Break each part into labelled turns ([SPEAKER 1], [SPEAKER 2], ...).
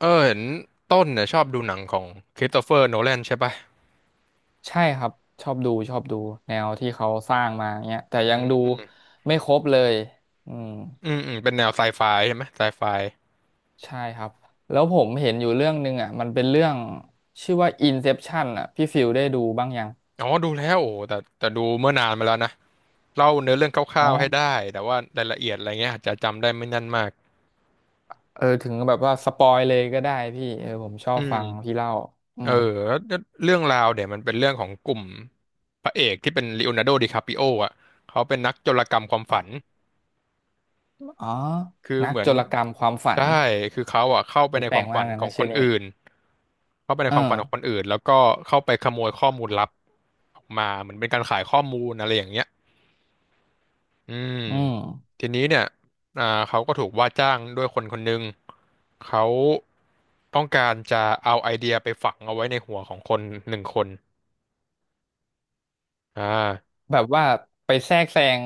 [SPEAKER 1] เออเห็นต้นเนี่ยชอบดูหนังของคริสโตเฟอร์โนแลนใช่ปะ
[SPEAKER 2] ใช่ครับชอบดูชอบดูแนวที่เขาสร้างมาเนี้ยแต่ยังดูไม่ครบเลยอืม
[SPEAKER 1] อืมอืมเป็นแนวไซไฟใช่ไหมไซไฟ
[SPEAKER 2] ใช่ครับแล้วผมเห็นอยู่เรื่องหนึ่งอ่ะมันเป็นเรื่องชื่อว่า Inception อ่ะพี่ฟิลได้ดูบ้างยัง
[SPEAKER 1] อ๋อดูแล้วโอ้แต่ดูเมื่อนานมาแล้วนะเล่าเนื้อเรื่องค
[SPEAKER 2] อ๋อ
[SPEAKER 1] ร่าวๆให้ได้แต่ว่ารายละเอียดอะไรเงี้ยอาจจะจำได้ไม่แน่นมาก
[SPEAKER 2] เออถึงแบบว่าสปอยเลยก็ได้พี่เออผมชอ
[SPEAKER 1] อื
[SPEAKER 2] บ
[SPEAKER 1] ม
[SPEAKER 2] ฟังพี่เล่าอื
[SPEAKER 1] เออ
[SPEAKER 2] ม
[SPEAKER 1] แล้วเรื่องราวเดี๋ยวมันเป็นเรื่องของกลุ่มพระเอกที่เป็นลีโอนาร์โดดิคาปิโออ่ะเขาเป็นนักโจรกรรมความฝัน
[SPEAKER 2] อ๋อ
[SPEAKER 1] คือ
[SPEAKER 2] นัก
[SPEAKER 1] เหมือ
[SPEAKER 2] โจ
[SPEAKER 1] น
[SPEAKER 2] รกรรมความฝัน
[SPEAKER 1] ใช่ คือเขาอ่ะเข้าไป
[SPEAKER 2] อุ๊ย
[SPEAKER 1] ใน
[SPEAKER 2] แป
[SPEAKER 1] ค
[SPEAKER 2] ล
[SPEAKER 1] วา
[SPEAKER 2] ก
[SPEAKER 1] ม
[SPEAKER 2] มา
[SPEAKER 1] ฝั
[SPEAKER 2] ก
[SPEAKER 1] น
[SPEAKER 2] เลย
[SPEAKER 1] ขอ
[SPEAKER 2] นะ
[SPEAKER 1] งค
[SPEAKER 2] ชื่อ
[SPEAKER 1] น
[SPEAKER 2] นี้
[SPEAKER 1] อื่น เข้าไปใน
[SPEAKER 2] เอ
[SPEAKER 1] ค
[SPEAKER 2] อ
[SPEAKER 1] วามฝันของคนอื่นแล้วก็เข้าไปขโมยข้อมูลลับออกมาเหมือนเป็นการขายข้อมูลอะไรอย่างเงี้ยอืม
[SPEAKER 2] อืม
[SPEAKER 1] ทีนี้เนี่ยเขาก็ถูกว่าจ้างด้วยคนคนหนึ่งเขาต้องการจะเอาไอเดียไปฝังเอาไว้ในหัวของคนหนึ่งคนอ่า
[SPEAKER 2] แบบว่าไปแทรกแซง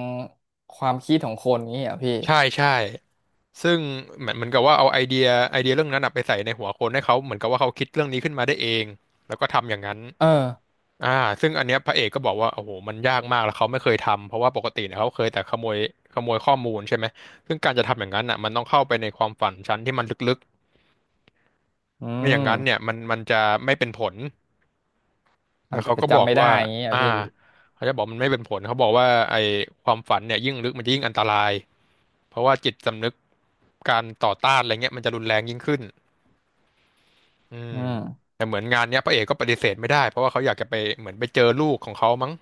[SPEAKER 2] ความคิดของคนนี้เหรอ่ะพี่
[SPEAKER 1] ใช่ใช่ซึ่งเหมือนกับว่าเอาไอเดียไอเดียเรื่องนั้นน่ะไปใส่ในหัวคนให้เขาเหมือนกับว่าเขาคิดเรื่องนี้ขึ้นมาได้เองแล้วก็ทำอย่างนั้น
[SPEAKER 2] เออ
[SPEAKER 1] อ่าซึ่งอันเนี้ยพระเอกก็บอกว่าโอ้โหมันยากมากแล้วเขาไม่เคยทำเพราะว่าปกติเนี่ยเขาเคยแต่ขโมยขโมยข้อมูลใช่ไหม ซึ่งการจะทำอย่างนั้นอ่ะมันต้องเข้าไปในความฝันชั้นที่มันลึก
[SPEAKER 2] อื
[SPEAKER 1] ๆไม่อย่าง
[SPEAKER 2] ม
[SPEAKER 1] นั้นเนี่ยมันจะไม่เป็นผล
[SPEAKER 2] มั
[SPEAKER 1] แล้
[SPEAKER 2] น
[SPEAKER 1] วเขา
[SPEAKER 2] จะ
[SPEAKER 1] ก็บอ
[SPEAKER 2] จำ
[SPEAKER 1] ก
[SPEAKER 2] ไม่ได้
[SPEAKER 1] ว่า
[SPEAKER 2] อย่างนี้อ่ะ
[SPEAKER 1] อ่า
[SPEAKER 2] พี่
[SPEAKER 1] เขาจะบอกมันไม่เป็นผลเขาบอกว่าไอ้ความฝันเนี่ยยิ่งลึกมันจะยิ่งอันตราย เพราะว่าจิตสำนึกการต่อต้านอะไรเงี้ยมันจะรุนแรงยิ่งขึ้นอืม
[SPEAKER 2] อืม
[SPEAKER 1] แต่เหมือนงานเนี้ยพระเอกก็ปฏิเสธไม่ได้เพราะว่าเขาอยากจะไปเหมือนไปเจอลูกของเขามั้ง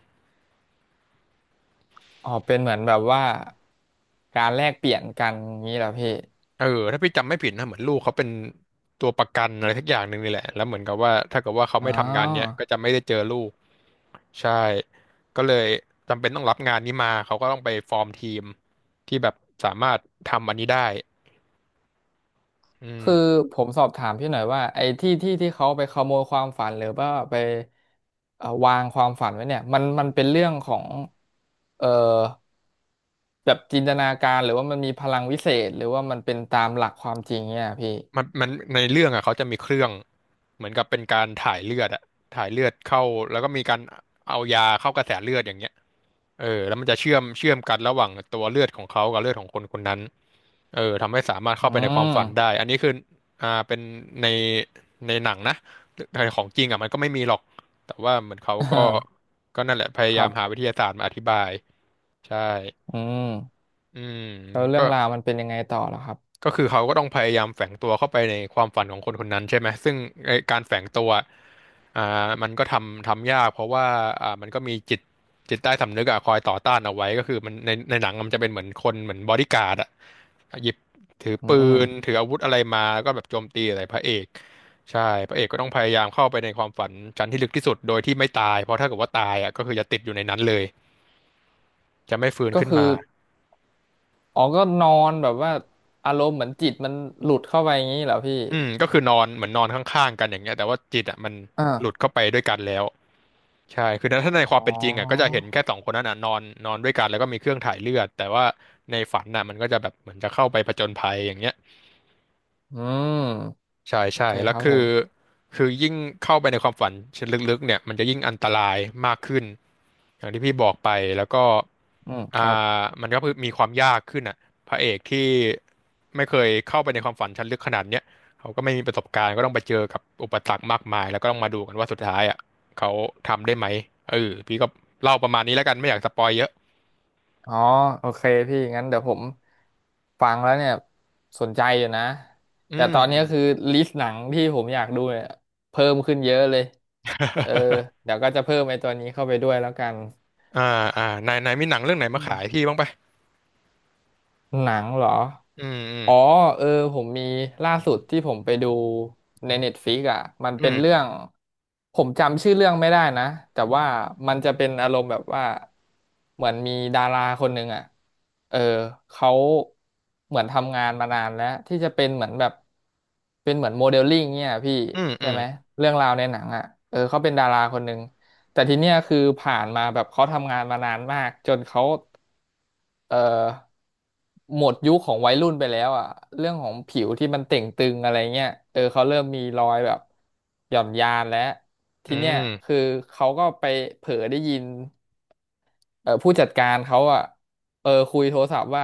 [SPEAKER 2] อ๋อเป็นเหมือนแบบว่าการแลกเปลี่ยนกันอย่างนี้เหรอพี่
[SPEAKER 1] เออถ้าพี่จำไม่ผิดนะเหมือนลูกเขาเป็นตัวประกันอะไรทักอย่างหนึ่งนี่แหละแล้วเหมือนกับว่าถ้าเกิดว่าเขา
[SPEAKER 2] อ๋อ
[SPEAKER 1] ไม่ทำงานเนี้ยก็จะไม่ได้เจอลูกใช่ก็เลยจำเป็นต้องรับงานนี้มาเขาก็ต้องไปฟอร์มทีมที่แบบสามารถทำอันนี้ได้อืม
[SPEAKER 2] คือผมสอบถามพี่หน่อยว่าไอ้ที่เขาไปขโมยความฝันหรือว่าไปวางความฝันไว้เนี่ยมันเป็นเรื่องของเอ่อแบบจินตนาการหรือว่ามันมีพลังวิเศษหรือว่ามันเป็นตามหลักความจริงเนี่ยพี่
[SPEAKER 1] มันในเรื่องอ่ะเขาจะมีเครื่องเหมือนกับเป็นการถ่ายเลือดอะถ่ายเลือดเข้าแล้วก็มีการเอายาเข้ากระแสเลือดอย่างเงี้ย เออแล้วมันจะเชื่อมเชื่อมกันระหว่างตัวเลือดของเขากับเลือดของคนคนนั้นเออทำให้สามารถ
[SPEAKER 2] อื
[SPEAKER 1] เข้า
[SPEAKER 2] ม
[SPEAKER 1] ไปในความฝันได้อันนี้คือเป็นในในหนังนะแต่ของจริงอ่ะมันก็ไม่มีหรอกแต่ว่าเหมือนเขาก็ ก็นั่นแหละพ
[SPEAKER 2] ค
[SPEAKER 1] ยายา
[SPEAKER 2] รั
[SPEAKER 1] ม
[SPEAKER 2] บ
[SPEAKER 1] หาวิทยาศาสตร์มาอธิบายใช่
[SPEAKER 2] อืม
[SPEAKER 1] อืม
[SPEAKER 2] แล้วเรื่
[SPEAKER 1] ก็
[SPEAKER 2] องราวมันเป็นยังไงต่อเหรอครับ
[SPEAKER 1] ก็คือเขาก็ต้องพยายามแฝงตัวเข้าไปในความฝันของคนคนนั้นใช่ไหมซึ่งไอ้การแฝงตัวมันก็ทำทำยากเพราะว่ามันก็มีจิตจิตใต้สำนึกอะคอยต่อต้านเอาไว้ก็คือมันในในหนังมันจะเป็นเหมือนคนเหมือนบอดี้การ์ดอะหยิบถือ
[SPEAKER 2] อื
[SPEAKER 1] ปืน
[SPEAKER 2] ม
[SPEAKER 1] ถืออาวุธอะไรมาแล้วก็แบบโจมตีอะไรพระเอกใช่พระเอกก็ต้องพยายามเข้าไปในความฝันชั้นที่ลึกที่สุดโดยที่ไม่ตายเพราะถ้าเกิดว่าตายอะก็คือจะติดอยู่ในนั้นเลยจะไม่ฟื้น
[SPEAKER 2] ก็
[SPEAKER 1] ขึ้น
[SPEAKER 2] คือ
[SPEAKER 1] มา
[SPEAKER 2] อ๋อก็นอนแบบว่าอารมณ์เหมือนจิตมันหลุดเข้าไปอย่างนี้เหรอพี่
[SPEAKER 1] อืมก็คือนอนเหมือนนอนข้างๆกันอย่างเงี้ยแต่ว่าจิตอ่ะมัน
[SPEAKER 2] อ่า
[SPEAKER 1] หลุดเข้าไปด้วยกันแล้วใช่คือถ้าในค
[SPEAKER 2] อ๋
[SPEAKER 1] วามเป็นจริงอ่ะก็จะ
[SPEAKER 2] อ
[SPEAKER 1] เห็นแค่สองคนนั้นอ่ะนอนนอนด้วยกันแล้วก็มีเครื่องถ่ายเลือดแต่ว่าในฝันน่ะมันก็จะแบบเหมือนจะเข้าไปผจญภัยอย่างเงี้ย
[SPEAKER 2] อืม
[SPEAKER 1] ใช่
[SPEAKER 2] โอ
[SPEAKER 1] ใช่
[SPEAKER 2] เค
[SPEAKER 1] แล้
[SPEAKER 2] ค
[SPEAKER 1] ว
[SPEAKER 2] รับผ
[SPEAKER 1] คือ
[SPEAKER 2] ม
[SPEAKER 1] คือยิ่งเข้าไปในความฝันชั้นลึกๆเนี่ยมันจะยิ่งอันตรายมากขึ้นอย่างที่พี่บอกไปแล้วก็
[SPEAKER 2] อืมค
[SPEAKER 1] อ่
[SPEAKER 2] รับ
[SPEAKER 1] ามันก็คือมีความยากขึ้นอ่ะพระเอกที่ไม่เคยเข้าไปในความฝันชั้นลึกขนาดเนี้ยเขาก็ไม่มีประสบการณ์ก็ต้องไปเจอกับอุปสรรคมากมายแล้วก็ต้องมาดูกันว่าสุดท้ายอ่ะเขาทำได้ไหมเออพี่ก็เล่าประมาณนี้แล้วกันไม่อยากสปอยเยอะ
[SPEAKER 2] อ๋อโอเคพี่งั้นเดี๋ยวผมฟังแล้วเนี่ยสนใจอยู่นะ
[SPEAKER 1] อื
[SPEAKER 2] แต่
[SPEAKER 1] ม
[SPEAKER 2] ตอน
[SPEAKER 1] อื
[SPEAKER 2] นี้
[SPEAKER 1] ม
[SPEAKER 2] คือลิสต์หนังที่ผมอยากดูเนี่ยเพิ่มขึ้นเยอะเลยเออเดี๋ยวก็จะเพิ่มไอ้ตัวนี้เข้าไปด้วยแล้วกัน
[SPEAKER 1] อ่าอ่านายนายมีหนังเรื่องไหน
[SPEAKER 2] อื
[SPEAKER 1] มาขาย
[SPEAKER 2] ม
[SPEAKER 1] พี่บ้างปะ
[SPEAKER 2] หนังเหรอ
[SPEAKER 1] อืมอืม
[SPEAKER 2] อ๋อเออผมมีล่าสุดที่ผมไปดูใน n e t f ฟ i ิกอ่ะมัน
[SPEAKER 1] อื
[SPEAKER 2] เป็นเรื่อ
[SPEAKER 1] ม
[SPEAKER 2] งผมจำชื่อเรื่องไม่ได้นะแต่ว่ามันจะเป็นอารมณ์แบบว่าเหมือนมีดาราคนหนึ่งอ่ะเออเขาเหมือนทำงานมานานแล้วที่จะเป็นเหมือนแบบเป็นเหมือนโมเดลลิ่งเนี่ยพี่
[SPEAKER 1] อืมอื
[SPEAKER 2] ใช่
[SPEAKER 1] ม
[SPEAKER 2] ไหมเรื่องราวในหนังอ่ะเออเขาเป็นดาราคนหนึ่งแต่ทีเนี้ยคือผ่านมาแบบเขาทำงานมานานมากจนเขา เอ่อหมดยุคของวัยรุ่นไปแล้วอ่ะเรื่องของผิวที่มันเต่งตึงอะไรเงี้ยเออเขาเริ่มมีรอยแบบหย่อนยานแล้ว
[SPEAKER 1] อื
[SPEAKER 2] ทีเนี้ยคือ
[SPEAKER 1] ม
[SPEAKER 2] เขาก็ไปเผลอได้ยินเออผู้จัดการเขาอ่ะเออคุยโทรศัพท์ว่า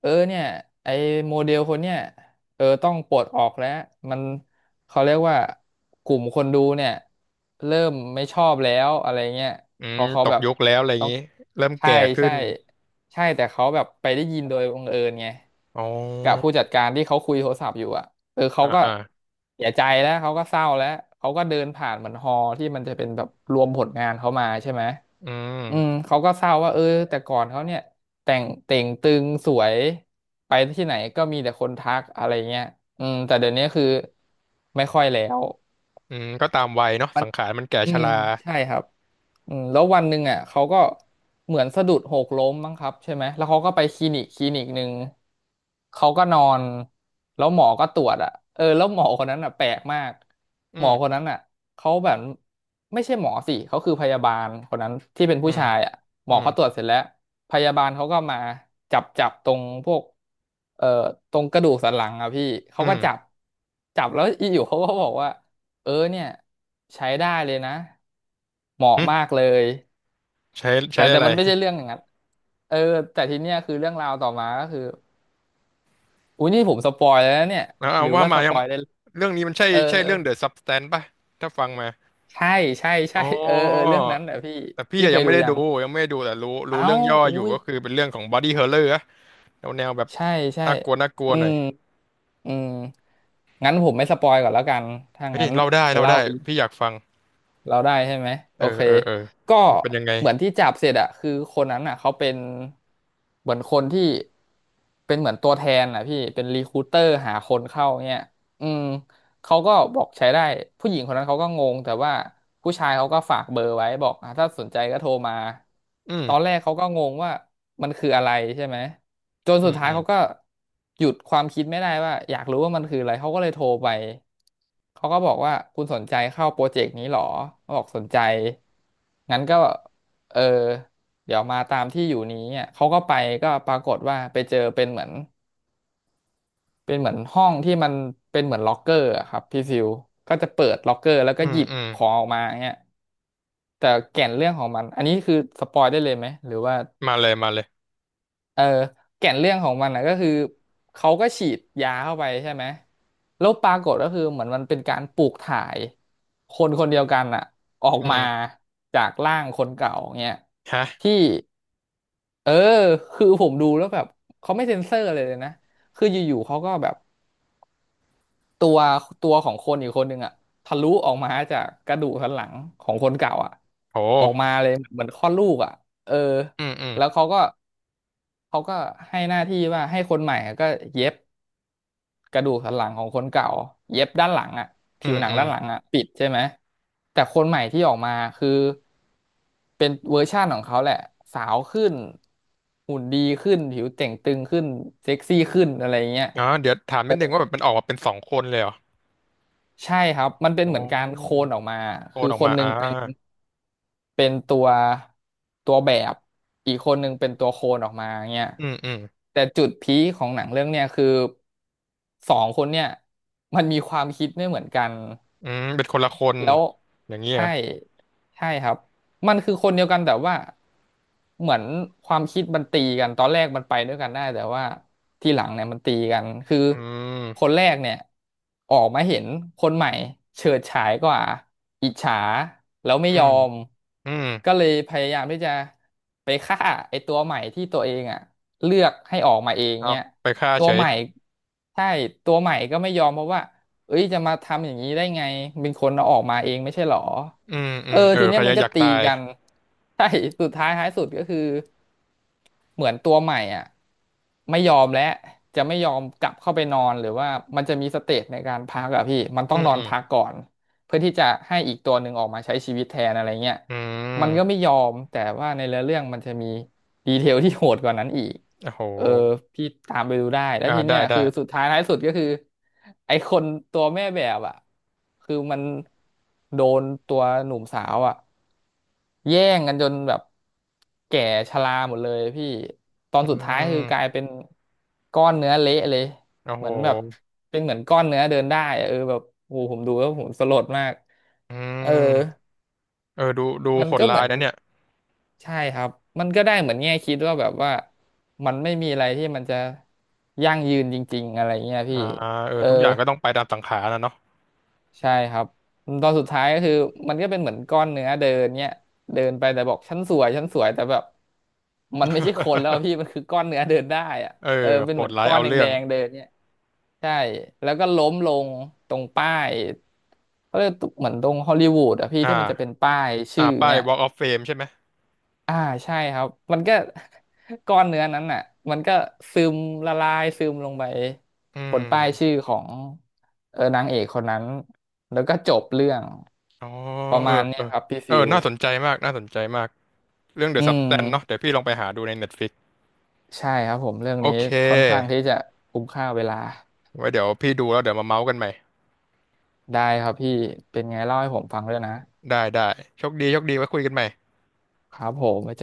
[SPEAKER 2] เออเนี่ยไอ้โมเดลคนเนี้ยเออต้องปลดออกแล้วมันเขาเรียกว่ากลุ่มคนดูเนี่ยเริ่มไม่ชอบแล้วอะไรเงี้ย
[SPEAKER 1] อืม
[SPEAKER 2] เขาเขา
[SPEAKER 1] ตก
[SPEAKER 2] แบบ
[SPEAKER 1] ยุคแล้วอะไรอย่างนี้เริ่ม
[SPEAKER 2] ใช่
[SPEAKER 1] แก่ขึ้
[SPEAKER 2] ใช่
[SPEAKER 1] น
[SPEAKER 2] ใช่แต่เขาแบบไปได้ยินโดยบังเอิญไง
[SPEAKER 1] อ๋อ
[SPEAKER 2] กับผู้จัดการที่เขาคุยโทรศัพท์อยู่อ่ะเออเขา
[SPEAKER 1] อ่า
[SPEAKER 2] ก็
[SPEAKER 1] อ่า
[SPEAKER 2] เสียใจแล้วเขาก็เศร้าแล้วเขาก็เดินผ่านเหมือนฮอลล์ที่มันจะเป็นแบบรวมผลงานเขามาใช่ไหม
[SPEAKER 1] อื
[SPEAKER 2] อืม
[SPEAKER 1] ม
[SPEAKER 2] เขาก็เศร้าว่าเออแต่ก่อนเขาเนี่ยแต่งเต่งตึงสวยไปที่ไหนก็มีแต่คนทักอะไรเงี้ยอืมแต่เดี๋ยวนี้คือไม่ค่อยแล้ว
[SPEAKER 1] อืมก็ตามวัยเนาะสังขารมันแก่
[SPEAKER 2] อื
[SPEAKER 1] ช
[SPEAKER 2] ม
[SPEAKER 1] รา
[SPEAKER 2] ใช่ครับอืมแล้ววันหนึ่งอ่ะเขาก็เหมือนสะดุดหกล้มมั้งครับใช่ไหมแล้วเขาก็ไปคลินิกคลินิกหนึ่งเขาก็นอนแล้วหมอก็ตรวจอ่ะเออแล้วหมอคนนั้นอ่ะแปลกมาก
[SPEAKER 1] อื
[SPEAKER 2] หมอ
[SPEAKER 1] ม
[SPEAKER 2] คนนั้นอ่ะเขาแบบไม่ใช่หมอสิเขาคือพยาบาลคนนั้นที่เป็น
[SPEAKER 1] อื
[SPEAKER 2] ผู้
[SPEAKER 1] ม
[SPEAKER 2] ชายอ่ะหม
[SPEAKER 1] อื
[SPEAKER 2] อ
[SPEAKER 1] ม
[SPEAKER 2] เขาตรวจเสร็จแล้วพยาบาลเขาก็มาจับจับตรงพวกเอ่อตรงกระดูกสันหลังอ่ะพี่เขา
[SPEAKER 1] อื
[SPEAKER 2] ก็
[SPEAKER 1] ม
[SPEAKER 2] จับจับแล้วอยู่เขาก็บอกว่า เออเนี่ยใช้ได้เลยนะเหมาะ
[SPEAKER 1] อื
[SPEAKER 2] มาก
[SPEAKER 1] ม
[SPEAKER 2] เลย
[SPEAKER 1] ใช้
[SPEAKER 2] แต่
[SPEAKER 1] ใช้
[SPEAKER 2] แต่
[SPEAKER 1] อะไร
[SPEAKER 2] มันไม่ใช่เรื่องอย่างนั้นเออแต่ทีเนี้ยคือเรื่องราวต่อมาก็คืออุ้ยนี่ผมสปอยแล้วนะเนี่ย
[SPEAKER 1] เอา
[SPEAKER 2] ห
[SPEAKER 1] เอา
[SPEAKER 2] รือ
[SPEAKER 1] ว่า
[SPEAKER 2] ว่า
[SPEAKER 1] มา
[SPEAKER 2] ส
[SPEAKER 1] ยั
[SPEAKER 2] ป
[SPEAKER 1] ง
[SPEAKER 2] อยได้
[SPEAKER 1] เรื่องนี้มันใช่
[SPEAKER 2] เออ
[SPEAKER 1] ใช่
[SPEAKER 2] เออ
[SPEAKER 1] เรื่อง The Substance ป่ะถ้าฟังมา
[SPEAKER 2] ใช่ใช่
[SPEAKER 1] อ๋
[SPEAKER 2] ใช่
[SPEAKER 1] อ
[SPEAKER 2] เออเออเรื่องนั้นแหละพี่
[SPEAKER 1] แต่พี่
[SPEAKER 2] พี่
[SPEAKER 1] อะ
[SPEAKER 2] เค
[SPEAKER 1] ยัง
[SPEAKER 2] ย
[SPEAKER 1] ไม่
[SPEAKER 2] ดู
[SPEAKER 1] ได้
[SPEAKER 2] ยั
[SPEAKER 1] ดู
[SPEAKER 2] ง
[SPEAKER 1] ยังไม่ได้ดูแต่รู้รู้
[SPEAKER 2] เอ้า
[SPEAKER 1] เรื่องย่อ
[SPEAKER 2] อุ้
[SPEAKER 1] อยู่
[SPEAKER 2] ย
[SPEAKER 1] ก็คือเป็นเรื่องของ Body Horror อะแนวแนวแบบ
[SPEAKER 2] ใช่ใช่
[SPEAKER 1] น่ากลัวน่ากลัว
[SPEAKER 2] อื
[SPEAKER 1] หน่อ
[SPEAKER 2] ม
[SPEAKER 1] ย
[SPEAKER 2] อืมงั้นผมไม่สปอยก่อนแล้วกันถ้า
[SPEAKER 1] เฮ้ย
[SPEAKER 2] งั้น
[SPEAKER 1] เล่าได้
[SPEAKER 2] จะ
[SPEAKER 1] เล่า
[SPEAKER 2] เล่า
[SPEAKER 1] ได้
[SPEAKER 2] เป
[SPEAKER 1] พี่อยากฟัง
[SPEAKER 2] เราได้ใช่ไหม
[SPEAKER 1] เอ
[SPEAKER 2] โอ
[SPEAKER 1] อ
[SPEAKER 2] เค
[SPEAKER 1] เออเออ
[SPEAKER 2] ก็
[SPEAKER 1] มันเป็นยังไง
[SPEAKER 2] เหมือนที่จับเสร็จอะคือคนนั้นอะเขาเป็นเหมือนคนที่เป็นเหมือนตัวแทนอะพี่เป็นรีคูเตอร์หาคนเข้าเนี้ยอืมเขาก็บอกใช้ได้ผู้หญิงคนนั้นเขาก็งงแต่ว่าผู้ชายเขาก็ฝากเบอร์ไว้บอกอ่ะถ้าสนใจก็โทรมา
[SPEAKER 1] อื
[SPEAKER 2] ต
[SPEAKER 1] ม
[SPEAKER 2] อนแรกเขาก็งงว่ามันคืออะไรใช่ไหม จน
[SPEAKER 1] อื
[SPEAKER 2] สุด
[SPEAKER 1] ม
[SPEAKER 2] ท้า
[SPEAKER 1] อื
[SPEAKER 2] ย
[SPEAKER 1] ม
[SPEAKER 2] เขาก็หยุดความคิดไม่ได้ว่าอยากรู้ว่ามันคืออะไรเขาก็เลยโทรไปเขาก็บอกว่าคุณสนใจเข้าโปรเจกต์นี้หรอเขาบอกสนใจงั้นก็เออเดี๋ยวมาตามที่อยู่นี้อ่ะเขาก็ไปก็ปรากฏว่าไปเจอเป็นเหมือนเป็นเหมือนห้องที่มันเป็นเหมือนล็อกเกอร์อะครับพี่ฟิวก็จะเปิดล็อกเกอร์แล้วก็
[SPEAKER 1] อื
[SPEAKER 2] ห
[SPEAKER 1] ม
[SPEAKER 2] ยิบ
[SPEAKER 1] อืม
[SPEAKER 2] ของออกมาเงี้ยแต่แก่นเรื่องของมันอันนี้คือสปอยได้เลยไหมหรือว่า
[SPEAKER 1] มาเลยมาเลย
[SPEAKER 2] เออแก่นเรื่องของมันนะก็คือเขาก็ฉีดยาเข้าไปใช่ไหมแล้วปรากฏก็คือเหมือนมันเป็นการปลูกถ่ายคนคนเดียวกันอะออก
[SPEAKER 1] อื
[SPEAKER 2] มา
[SPEAKER 1] ม
[SPEAKER 2] จากร่างคนเก่าเงี้ย
[SPEAKER 1] ฮะ
[SPEAKER 2] ที่เออคือผมดูแล้วแบบเขาไม่เซ็นเซอร์เลยนะคืออยู่ๆเขาก็แบบ ตัวตัวของคนอีกคนหนึ่งอะทะลุออกมาจากกระดูกสันหลังของคนเก่าอะ
[SPEAKER 1] โห
[SPEAKER 2] ออกมาเลยเหมือนคลอดลูกอะเออ
[SPEAKER 1] อืมอืม
[SPEAKER 2] แล้วเขาก็ให้หน้าที่ว่าให้คนใหม่อะก็เย็บกระดูกสันหลังของคนเก่าเย็บด้านหลังอะ
[SPEAKER 1] อื
[SPEAKER 2] ผิว
[SPEAKER 1] ม
[SPEAKER 2] หนั
[SPEAKER 1] อื
[SPEAKER 2] ง
[SPEAKER 1] ม
[SPEAKER 2] ด้านหลังอะปิดใช่ไหมแต่คนใหม่ที่ออกมาคือเป็นเวอร์ชั่นของเขาแหละสาวขึ้นหุ่นดีขึ้นผิวเต่งตึงขึ้นเซ็กซี่ขึ้นอะไรเงี้ย
[SPEAKER 1] อ๋อเดี๋ยวถามนิดนึงว่าแบบมันออกมาเป็นสองคนเลยเหรอ
[SPEAKER 2] ใช่ครับมันเป็นเห
[SPEAKER 1] โอ้
[SPEAKER 2] มือนการโคลนออกมา
[SPEAKER 1] โอ
[SPEAKER 2] คื
[SPEAKER 1] น
[SPEAKER 2] อ
[SPEAKER 1] ออก
[SPEAKER 2] คน
[SPEAKER 1] มา
[SPEAKER 2] หนึ่
[SPEAKER 1] อ่า
[SPEAKER 2] งเป็นเป็นตัวตัวแบบอีกคนหนึ่งเป็นตัวโคลนออกมาเงี้ย
[SPEAKER 1] อืมอืม
[SPEAKER 2] แต่จุดพีคของหนังเรื่องเนี้ยคือสองคนเนี่ยมันมีความคิดไม่เหมือนกัน
[SPEAKER 1] อืมเป็นคนละคน
[SPEAKER 2] แล้ว
[SPEAKER 1] อย่างนี้เห
[SPEAKER 2] ใช่
[SPEAKER 1] รอ
[SPEAKER 2] ใช่ครับมันคือคนเดียวกันแต่ว่า เหมือนความคิดมันตีกันตอนแรกมันไปด้วยกันได้แต่ว่าทีหลังเนี่ยมันตีกันคือ
[SPEAKER 1] อื
[SPEAKER 2] ค
[SPEAKER 1] ม
[SPEAKER 2] นแรกเนี่ยออกมาเห็นคนใหม่เฉิดฉายกว่าอิจฉาแล้วไม่
[SPEAKER 1] อื
[SPEAKER 2] ยอ
[SPEAKER 1] ม
[SPEAKER 2] ม
[SPEAKER 1] อืม
[SPEAKER 2] ก็เลยพยายามที่จะไปฆ่าไอ้ตัวใหม่ที่ตัวเองอ่ะเลือกให้ออกมาเอง
[SPEAKER 1] เอา
[SPEAKER 2] เนี่ย
[SPEAKER 1] ไปฆ่า
[SPEAKER 2] ตั
[SPEAKER 1] เฉ
[SPEAKER 2] ว
[SPEAKER 1] ย
[SPEAKER 2] ใหม่ใช่ตัวใหม่ก็ไม่ยอมเพราะว่าเอ้ยจะมาทำอย่างนี้ได้ไงเป็นคนเอาออกมาเองไม่ใช่หรอ
[SPEAKER 1] อืมอื
[SPEAKER 2] เออ
[SPEAKER 1] มเออ
[SPEAKER 2] ที
[SPEAKER 1] ใค
[SPEAKER 2] เนี้
[SPEAKER 1] ร
[SPEAKER 2] ยมัน
[SPEAKER 1] อ
[SPEAKER 2] ก็
[SPEAKER 1] ยาก
[SPEAKER 2] ตี
[SPEAKER 1] ตาย
[SPEAKER 2] กันใช่สุดท้ายท้ายสุดก็คือเหมือนตัวใหม่อ่ะไม่ยอมแล้วจะไม่ยอมกลับเข้าไปนอนหรือว่ามันจะมีสเตจในการพักอะพี่มันต้
[SPEAKER 1] อื
[SPEAKER 2] อง
[SPEAKER 1] ม
[SPEAKER 2] นอ
[SPEAKER 1] อื
[SPEAKER 2] น
[SPEAKER 1] ม
[SPEAKER 2] พักก่อนเพื่อที่จะให้อีกตัวหนึ่งออกมาใช้ชีวิตแทนอะไรเงี้ย
[SPEAKER 1] อื
[SPEAKER 2] มันก็ไม่
[SPEAKER 1] ม
[SPEAKER 2] ยอมแต่ว่าในเนื้อเรื่องมันจะมีดีเทลที่โหดกว่านั้นอีก
[SPEAKER 1] โอ้โห
[SPEAKER 2] เออพี่ตามไปดูได้แล้ว
[SPEAKER 1] อ่า
[SPEAKER 2] ที
[SPEAKER 1] ได้
[SPEAKER 2] เนี้ย
[SPEAKER 1] ได้
[SPEAKER 2] คือสุดท้ายท้ายสุดก็คือไอคนตัวแม่แบบอ่ะคือมันโดนตัวหนุ่มสาวอ่ะ แย่งกันจนแบบแก่ชราหมดเลยพี่ตอน
[SPEAKER 1] อื
[SPEAKER 2] สุดท้ายคือกลาย
[SPEAKER 1] ม
[SPEAKER 2] เป็นก้อนเนื้อเละเลย
[SPEAKER 1] โอ้
[SPEAKER 2] เห
[SPEAKER 1] โห
[SPEAKER 2] มือนแบบเป็นเหมือนก้อนเนื้อเดินได้อะเออแบบโอ้โหผมดูแล้วผมสลดมาก
[SPEAKER 1] อื
[SPEAKER 2] เออ
[SPEAKER 1] มเออดูดู
[SPEAKER 2] มัน
[SPEAKER 1] โหด
[SPEAKER 2] ก็เห
[SPEAKER 1] ร้า
[SPEAKER 2] มื
[SPEAKER 1] ย
[SPEAKER 2] อน
[SPEAKER 1] นะเนี่ย
[SPEAKER 2] ใช่ครับมันก็ได้เหมือนแง่คิดว่าแบบว่ามันไม่มีอะไรที่มันจะยั่งยืนจริงๆอะไรเงี้ยพี่
[SPEAKER 1] อ่าเอ
[SPEAKER 2] เอ
[SPEAKER 1] อ
[SPEAKER 2] อ
[SPEAKER 1] ทุกอย่างก็ต้องไปตามสังขารนะเนาะ
[SPEAKER 2] ใช่ครับตอนสุดท้ายก็คือมันก็เป็นเหมือนก้อนเนื้อเดินเนี่ยเดินไปแต่บอกฉันสวยฉันสวยแต่แบบมันไม่ใช่คนแล้วอะพี่มันคือก้อนเนื้อเดินได้อะ
[SPEAKER 1] เออ
[SPEAKER 2] เออเป็
[SPEAKER 1] โห
[SPEAKER 2] นเหมื
[SPEAKER 1] ด
[SPEAKER 2] อน
[SPEAKER 1] ร้าย
[SPEAKER 2] ก้อน
[SPEAKER 1] เอา
[SPEAKER 2] แด
[SPEAKER 1] เรื่อง
[SPEAKER 2] งๆเดินเนี่ยใช่แล้วก็ล้มลงตรงป้ายเขาเรียกเหมือนตรงฮอลลีวูดอะพี่
[SPEAKER 1] อ่
[SPEAKER 2] ที่มันจะเป็น
[SPEAKER 1] า
[SPEAKER 2] ป้าย
[SPEAKER 1] อ่า
[SPEAKER 2] ชื่อ
[SPEAKER 1] ป้าย
[SPEAKER 2] เนี่ย
[SPEAKER 1] Walk of Fame ใช่ไหม
[SPEAKER 2] อ่าใช่ครับมันก็ ก้อนเนื้อนั้นน่ะมันก็ซึมละลายซึมลงไป
[SPEAKER 1] อื
[SPEAKER 2] บนป้ายชื่อ
[SPEAKER 1] ม
[SPEAKER 2] ของเออนางเอกคนนั้นแล้วก็จบเรื่อง
[SPEAKER 1] อ๋อ
[SPEAKER 2] ประ
[SPEAKER 1] เออ
[SPEAKER 2] มาณ
[SPEAKER 1] เอ
[SPEAKER 2] เนี้
[SPEAKER 1] อ
[SPEAKER 2] ยครับพี่
[SPEAKER 1] เออ
[SPEAKER 2] ฟิว
[SPEAKER 1] น่าสนใจมากน่าสนใจมากเรื่อง The
[SPEAKER 2] อืม
[SPEAKER 1] Substance เนาะเดี๋ยวพี่ลองไปหาดูใน Netflix
[SPEAKER 2] ใช่ครับผมเรื่อง
[SPEAKER 1] โอ
[SPEAKER 2] นี้
[SPEAKER 1] เค
[SPEAKER 2] ค่อนข้างที่จะคุ้มค่าเวลา
[SPEAKER 1] ไว้เดี๋ยวพี่ดูแล้วเดี๋ยวมาเมาส์กันใหม่
[SPEAKER 2] ได้ครับพี่เป็นไงเล่าให้ผมฟังด้วยนะ
[SPEAKER 1] ได้ได้โชคดีโชคดีไว้คุยกันใหม่
[SPEAKER 2] ครับผมไว้เจอ